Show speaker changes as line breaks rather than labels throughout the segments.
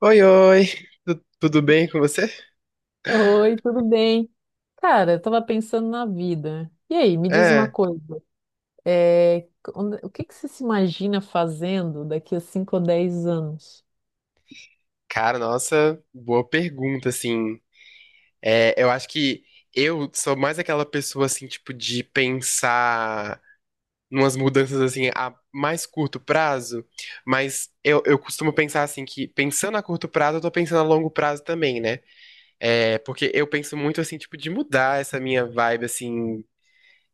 Oi, oi, tudo bem com você?
Oi, tudo bem? Cara, eu tava pensando na vida. E aí, me diz uma
É,
coisa. é, Onde- o que que você se imagina fazendo daqui a 5 ou 10 anos?
Cara, nossa, boa pergunta, assim, eu acho que eu sou mais aquela pessoa, assim, tipo, de pensar numas mudanças, assim, a mais curto prazo, mas eu costumo pensar, assim, que pensando a curto prazo, eu tô pensando a longo prazo também, né? É, porque eu penso muito, assim, tipo, de mudar essa minha vibe, assim,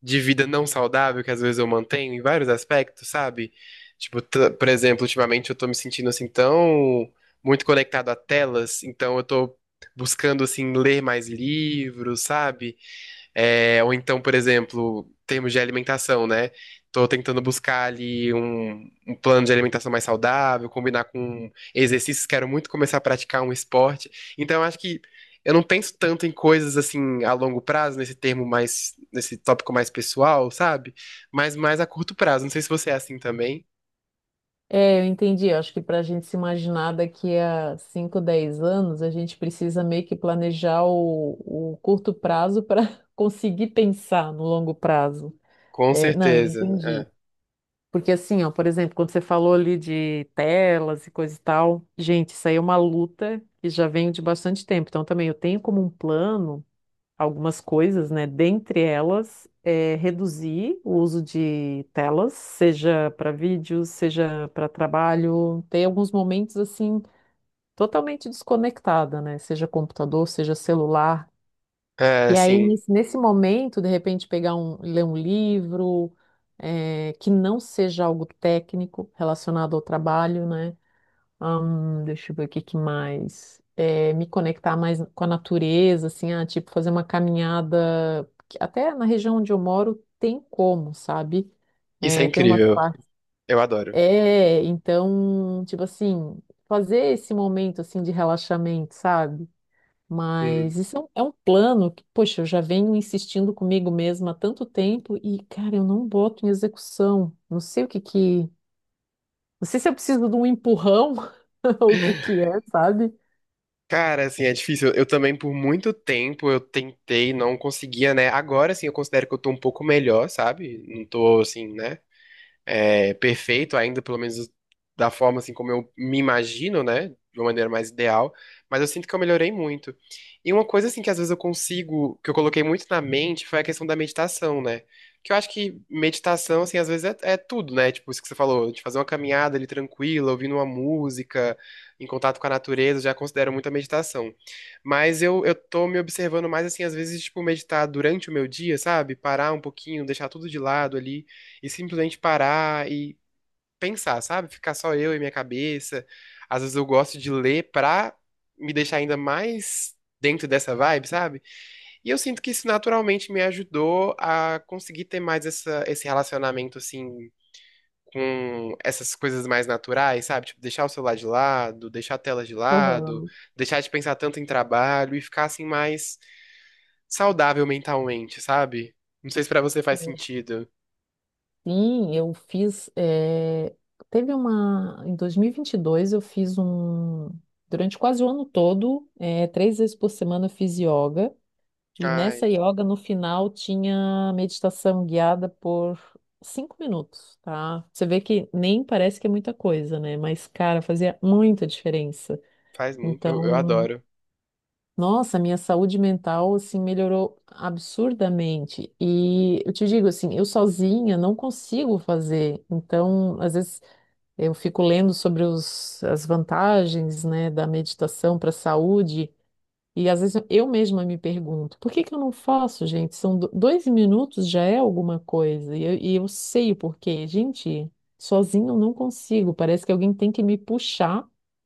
de vida não saudável que às vezes eu mantenho em vários aspectos, sabe? Tipo, por exemplo, ultimamente eu tô me sentindo assim tão muito conectado a telas, então eu tô buscando assim ler mais livros, sabe? É, ou então, por exemplo, termos de alimentação, né? Tô tentando buscar ali um plano de alimentação mais saudável, combinar com exercícios, quero muito começar a praticar um esporte. Então, eu acho que eu não penso tanto em coisas assim a longo prazo, nesse termo mais, nesse tópico mais pessoal, sabe? Mas mais a curto prazo. Não sei se você é assim também.
É, eu entendi. Eu Acho que para a gente se imaginar daqui a 5, 10 anos, a gente precisa meio que planejar o curto prazo para conseguir pensar no longo prazo.
Com
É, não, eu
certeza.
entendi. Porque assim, ó, por exemplo, quando você falou ali de telas e coisa e tal, gente, isso aí é uma luta que já vem de bastante tempo. Então também eu tenho como um plano algumas coisas, né? Dentre elas, é reduzir o uso de telas, seja para vídeos, seja para trabalho. Tem alguns momentos assim totalmente desconectada, né? Seja computador, seja celular.
É, é
E aí,
assim,
nesse momento, de repente, pegar um, ler um livro, que não seja algo técnico relacionado ao trabalho, né? Deixa eu ver o que que mais. Me conectar mais com a natureza, assim, ah, tipo, fazer uma caminhada, que até na região onde eu moro tem como, sabe?
isso é
Tem umas
incrível.
partes.
Eu adoro.
É, então, tipo assim, fazer esse momento, assim, de relaxamento, sabe? Mas
Hum.
isso é um plano que, poxa, eu já venho insistindo comigo mesma há tanto tempo e, cara, eu não boto em execução. Não sei o que que. Não sei se eu preciso de um empurrão ou o que que é, sabe?
Cara, assim, é difícil. Eu também, por muito tempo, eu tentei, não conseguia, né? Agora, assim, eu considero que eu tô um pouco melhor, sabe? Não tô, assim, né? É, perfeito ainda, pelo menos da forma assim como eu me imagino, né? De uma maneira mais ideal, mas eu sinto que eu melhorei muito. E uma coisa assim que às vezes eu consigo, que eu coloquei muito na mente, foi a questão da meditação, né? Que eu acho que meditação, assim, às vezes é tudo, né? Tipo, isso que você falou, de fazer uma caminhada ali tranquila, ouvindo uma música, em contato com a natureza, eu já considero muita meditação. Mas eu tô me observando mais, assim, às vezes, tipo, meditar durante o meu dia, sabe? Parar um pouquinho, deixar tudo de lado ali e simplesmente parar e pensar, sabe? Ficar só eu e minha cabeça. Às vezes eu gosto de ler pra me deixar ainda mais dentro dessa vibe, sabe? E eu sinto que isso naturalmente me ajudou a conseguir ter mais esse relacionamento assim. Com essas coisas mais naturais, sabe? Tipo, deixar o celular de lado, deixar a tela de lado,
Aham.
deixar de pensar tanto em trabalho e ficar assim mais saudável mentalmente, sabe? Não sei se pra você faz sentido.
Sim, eu fiz. Teve uma. Em 2022, eu fiz um. Durante quase o ano todo, 3 vezes por semana, eu fiz yoga. E
Ai,
nessa yoga, no final, tinha meditação guiada por 5 minutos, tá? Você vê que nem parece que é muita coisa, né? Mas, cara, fazia muita diferença.
faz muito, eu
Então,
adoro.
nossa, minha saúde mental, assim, melhorou absurdamente. E eu te digo, assim, eu sozinha não consigo fazer. Então, às vezes, eu fico lendo sobre as vantagens, né, da meditação para a saúde. E às vezes eu mesma me pergunto, por que que eu não faço, gente? São do- 2 minutos já é alguma coisa. E eu sei o porquê. Gente, sozinho eu não consigo. Parece que alguém tem que me puxar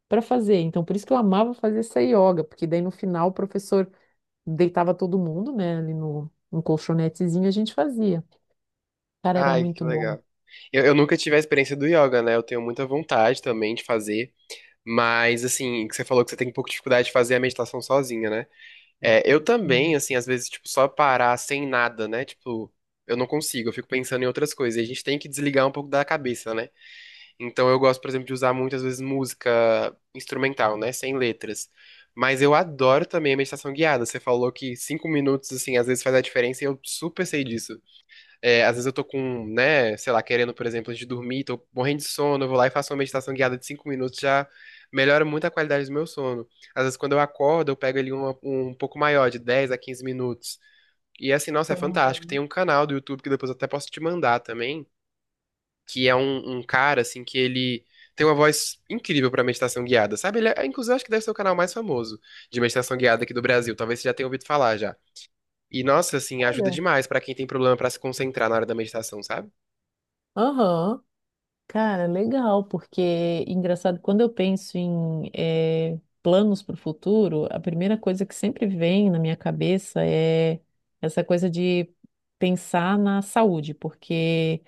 para fazer. Então, por isso que eu amava fazer essa yoga, porque daí no final o professor deitava todo mundo, né, ali no colchonetezinho e a gente fazia. Cara, era
Ai, que
muito bom.
legal. Eu nunca tive a experiência do yoga, né? Eu tenho muita vontade também de fazer. Mas, assim, que você falou que você tem um pouco de dificuldade de fazer a meditação sozinha, né? É, eu
Hum.
também, assim, às vezes, tipo, só parar sem nada, né? Tipo, eu não consigo, eu fico pensando em outras coisas. E a gente tem que desligar um pouco da cabeça, né? Então, eu gosto, por exemplo, de usar muitas vezes música instrumental, né? Sem letras. Mas eu adoro também a meditação guiada. Você falou que cinco minutos, assim, às vezes faz a diferença e eu super sei disso. É, às vezes eu tô com, né, sei lá, querendo, por exemplo, antes de dormir, tô morrendo de sono, eu vou lá e faço uma meditação guiada de cinco minutos, já melhora muito a qualidade do meu sono. Às vezes quando eu acordo, eu pego ali um pouco maior, de 10 a 15 minutos. E assim, nossa, é fantástico. Tem
Aham.
um canal do YouTube que depois eu até posso te mandar também, que é um cara, assim, que ele tem uma voz incrível pra meditação guiada, sabe? Ele é, inclusive, acho que deve ser o canal mais famoso de meditação guiada aqui do Brasil. Talvez você já tenha ouvido falar já. E, nossa, assim, ajuda
Olha.
demais pra quem tem problema pra se concentrar na hora da meditação, sabe?
Aham. Cara, legal, porque engraçado, quando eu penso em planos para o futuro, a primeira coisa que sempre vem na minha cabeça é essa coisa de pensar na saúde, porque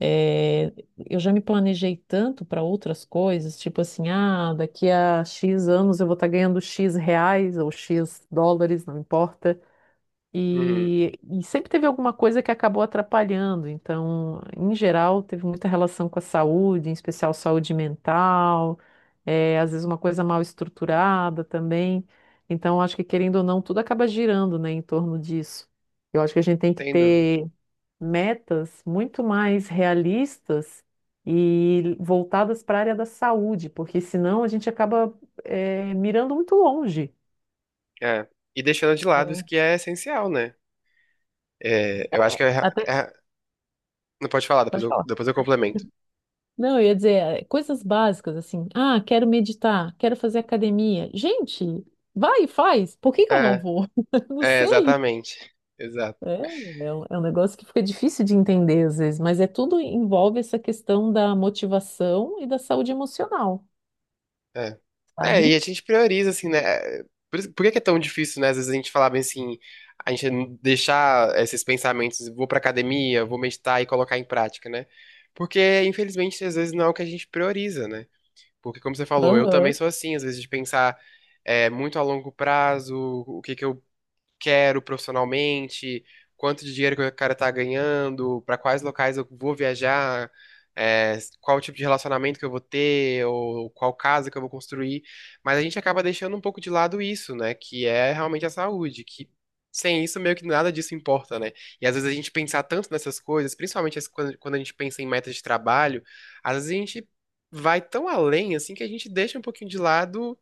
eh, eu já me planejei tanto para outras coisas, tipo assim, ah, daqui a X anos eu vou estar ganhando X reais ou X dólares, não importa.
Uhum,
E sempre teve alguma coisa que acabou atrapalhando. Então, em geral, teve muita relação com a saúde, em especial saúde mental, às vezes uma coisa mal estruturada também. Então, acho que querendo ou não, tudo acaba girando, né, em torno disso. Eu acho que a gente tem que
sem dúvida.
ter metas muito mais realistas e voltadas para a área da saúde, porque senão a gente acaba, mirando muito longe.
É. E deixando de lado isso
Hum.
que é essencial, né? É, eu acho que é,
Até,
é não pode falar,
pode falar.
depois eu complemento.
Não, eu ia dizer, coisas básicas, assim. Ah, quero meditar, quero fazer academia. Gente, vai e faz. Por que que eu não
É,
vou? Não sei.
exatamente. Exato.
É, é um negócio que fica difícil de entender às vezes, mas é tudo envolve essa questão da motivação e da saúde emocional,
É. É, e
sabe?
a gente prioriza, assim, né? É, por que que é tão difícil, né? Às vezes a gente falar bem assim, a gente não deixar esses pensamentos, vou pra academia, vou meditar e colocar em prática, né? Porque, infelizmente, às vezes não é o que a gente prioriza, né? Porque, como você falou, eu também
Aham,
sou assim, às vezes de pensar muito a longo prazo, o que que eu quero profissionalmente, quanto de dinheiro que o cara tá ganhando, para quais locais eu vou viajar, qual tipo de relacionamento que eu vou ter, ou qual casa que eu vou construir. Mas a gente acaba deixando um pouco de lado isso, né? Que é realmente a saúde, que sem isso meio que nada disso importa, né? E às vezes a gente pensar tanto nessas coisas, principalmente quando a gente pensa em metas de trabalho, às vezes a gente vai tão além assim que a gente deixa um pouquinho de lado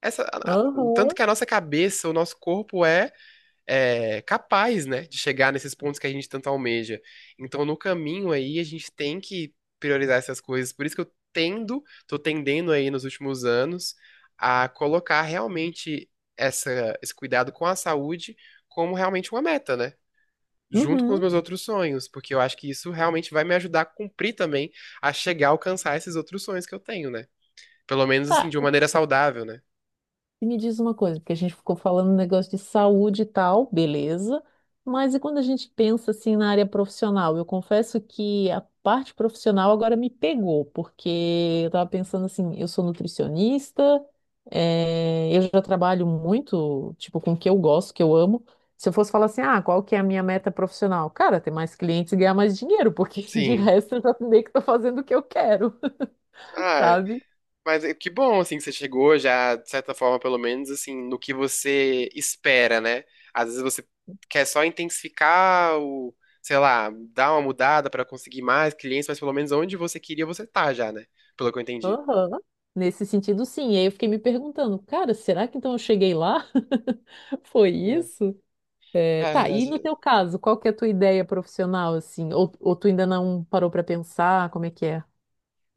o tanto
aham,
que a nossa cabeça, o nosso corpo é, capaz, né, de chegar nesses pontos que a gente tanto almeja. Então, no caminho aí, a gente tem que priorizar essas coisas. Por isso que tô tendendo aí nos últimos anos a colocar realmente esse cuidado com a saúde como realmente uma meta, né? Junto com os
uhum.
meus outros sonhos, porque eu acho que isso realmente vai me ajudar a cumprir também, a chegar a alcançar esses outros sonhos que eu tenho, né? Pelo menos assim,
Tá,
de uma maneira saudável, né?
e me diz uma coisa, porque a gente ficou falando negócio de saúde e tal, beleza, mas e quando a gente pensa assim na área profissional? Eu confesso que a parte profissional agora me pegou, porque eu estava pensando assim, eu sou nutricionista, eu já trabalho muito, tipo, com o que eu gosto, que eu amo. Se eu fosse falar assim, ah, qual que é a minha meta profissional? Cara, ter mais clientes e ganhar mais dinheiro, porque de
Sim.
resto eu já meio que estou fazendo o que eu quero,
Ah,
sabe?
mas é que bom, assim, que você chegou já, de certa forma, pelo menos, assim, no que você espera, né? Às vezes você quer só intensificar o, sei lá, dar uma mudada pra conseguir mais clientes, mas pelo menos onde você queria, você tá já, né? Pelo que eu entendi.
Aham. Nesse sentido, sim. E aí eu fiquei me perguntando, cara, será que então eu cheguei lá? Foi
É,
isso? É,
É,
tá,
a
e no teu caso, qual que é a tua ideia profissional, assim? Ou tu ainda não parou pra pensar como é que é?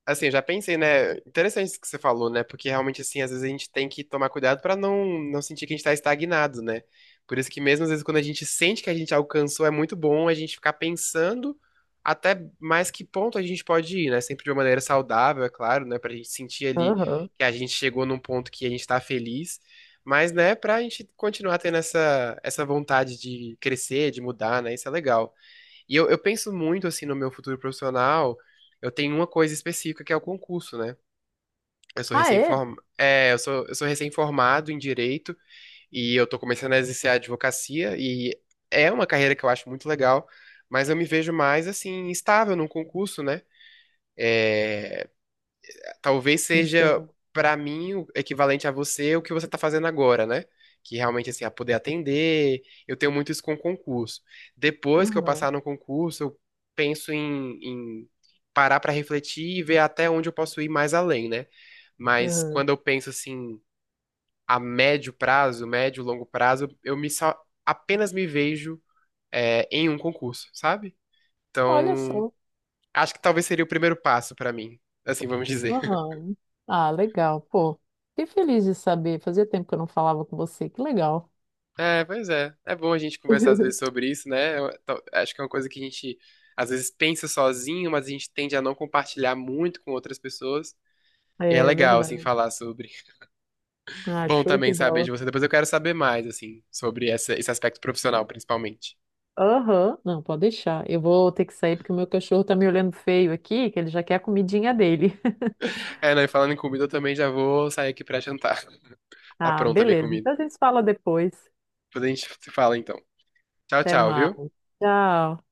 Assim, eu já pensei, né? Interessante isso que você falou, né? Porque realmente, assim, às vezes a gente tem que tomar cuidado pra não sentir que a gente tá estagnado, né? Por isso que mesmo às vezes quando a gente sente que a gente alcançou, é muito bom a gente ficar pensando até mais que ponto a gente pode ir, né? Sempre de uma maneira saudável, é claro, né? Pra gente sentir ali
Aham.
que a gente chegou num ponto que a gente tá feliz, mas, né, pra gente continuar tendo essa vontade de crescer, de mudar, né? Isso é legal. E eu penso muito, assim, no meu futuro profissional. Eu tenho uma coisa específica que é o concurso, né?
Ah, é?
Eu sou, recém-formado em direito e eu tô começando a exercer a advocacia e é uma carreira que eu acho muito legal, mas eu me vejo mais, assim, estável num concurso, né? Talvez seja
Entendo.
pra mim o equivalente a você o que você tá fazendo agora, né? Que realmente assim, a poder atender, eu tenho muito isso com concurso. Depois que eu
Aham.
passar no concurso, eu penso em parar pra refletir e ver até onde eu posso ir mais além, né? Mas
Aham.
quando eu penso assim, médio, longo prazo, eu me só apenas me vejo em um concurso, sabe?
Olha
Então,
só.
acho que talvez seria o primeiro passo pra mim, assim vamos dizer.
Aham. Ah, legal. Pô, fiquei feliz de saber. Fazia tempo que eu não falava com você. Que legal.
É, pois é. É bom a gente conversar às vezes sobre isso, né? Acho que é uma coisa que a gente às vezes pensa sozinho, mas a gente tende a não compartilhar muito com outras pessoas. E é
É
legal, assim,
verdade.
falar sobre.
Ah,
Bom
show de
também saber
bola.
de você. Depois eu quero saber mais, assim, esse aspecto profissional, principalmente.
Aham, não, pode deixar. Eu vou ter que sair porque o meu cachorro tá me olhando feio aqui, que ele já quer a comidinha dele.
É, não, e falando em comida, eu também já vou sair aqui pra jantar. Tá
Ah,
pronta a minha
beleza.
comida.
Então a gente se fala depois.
Depois a gente se fala, então. Tchau,
Até
tchau,
mais.
viu?
Tchau.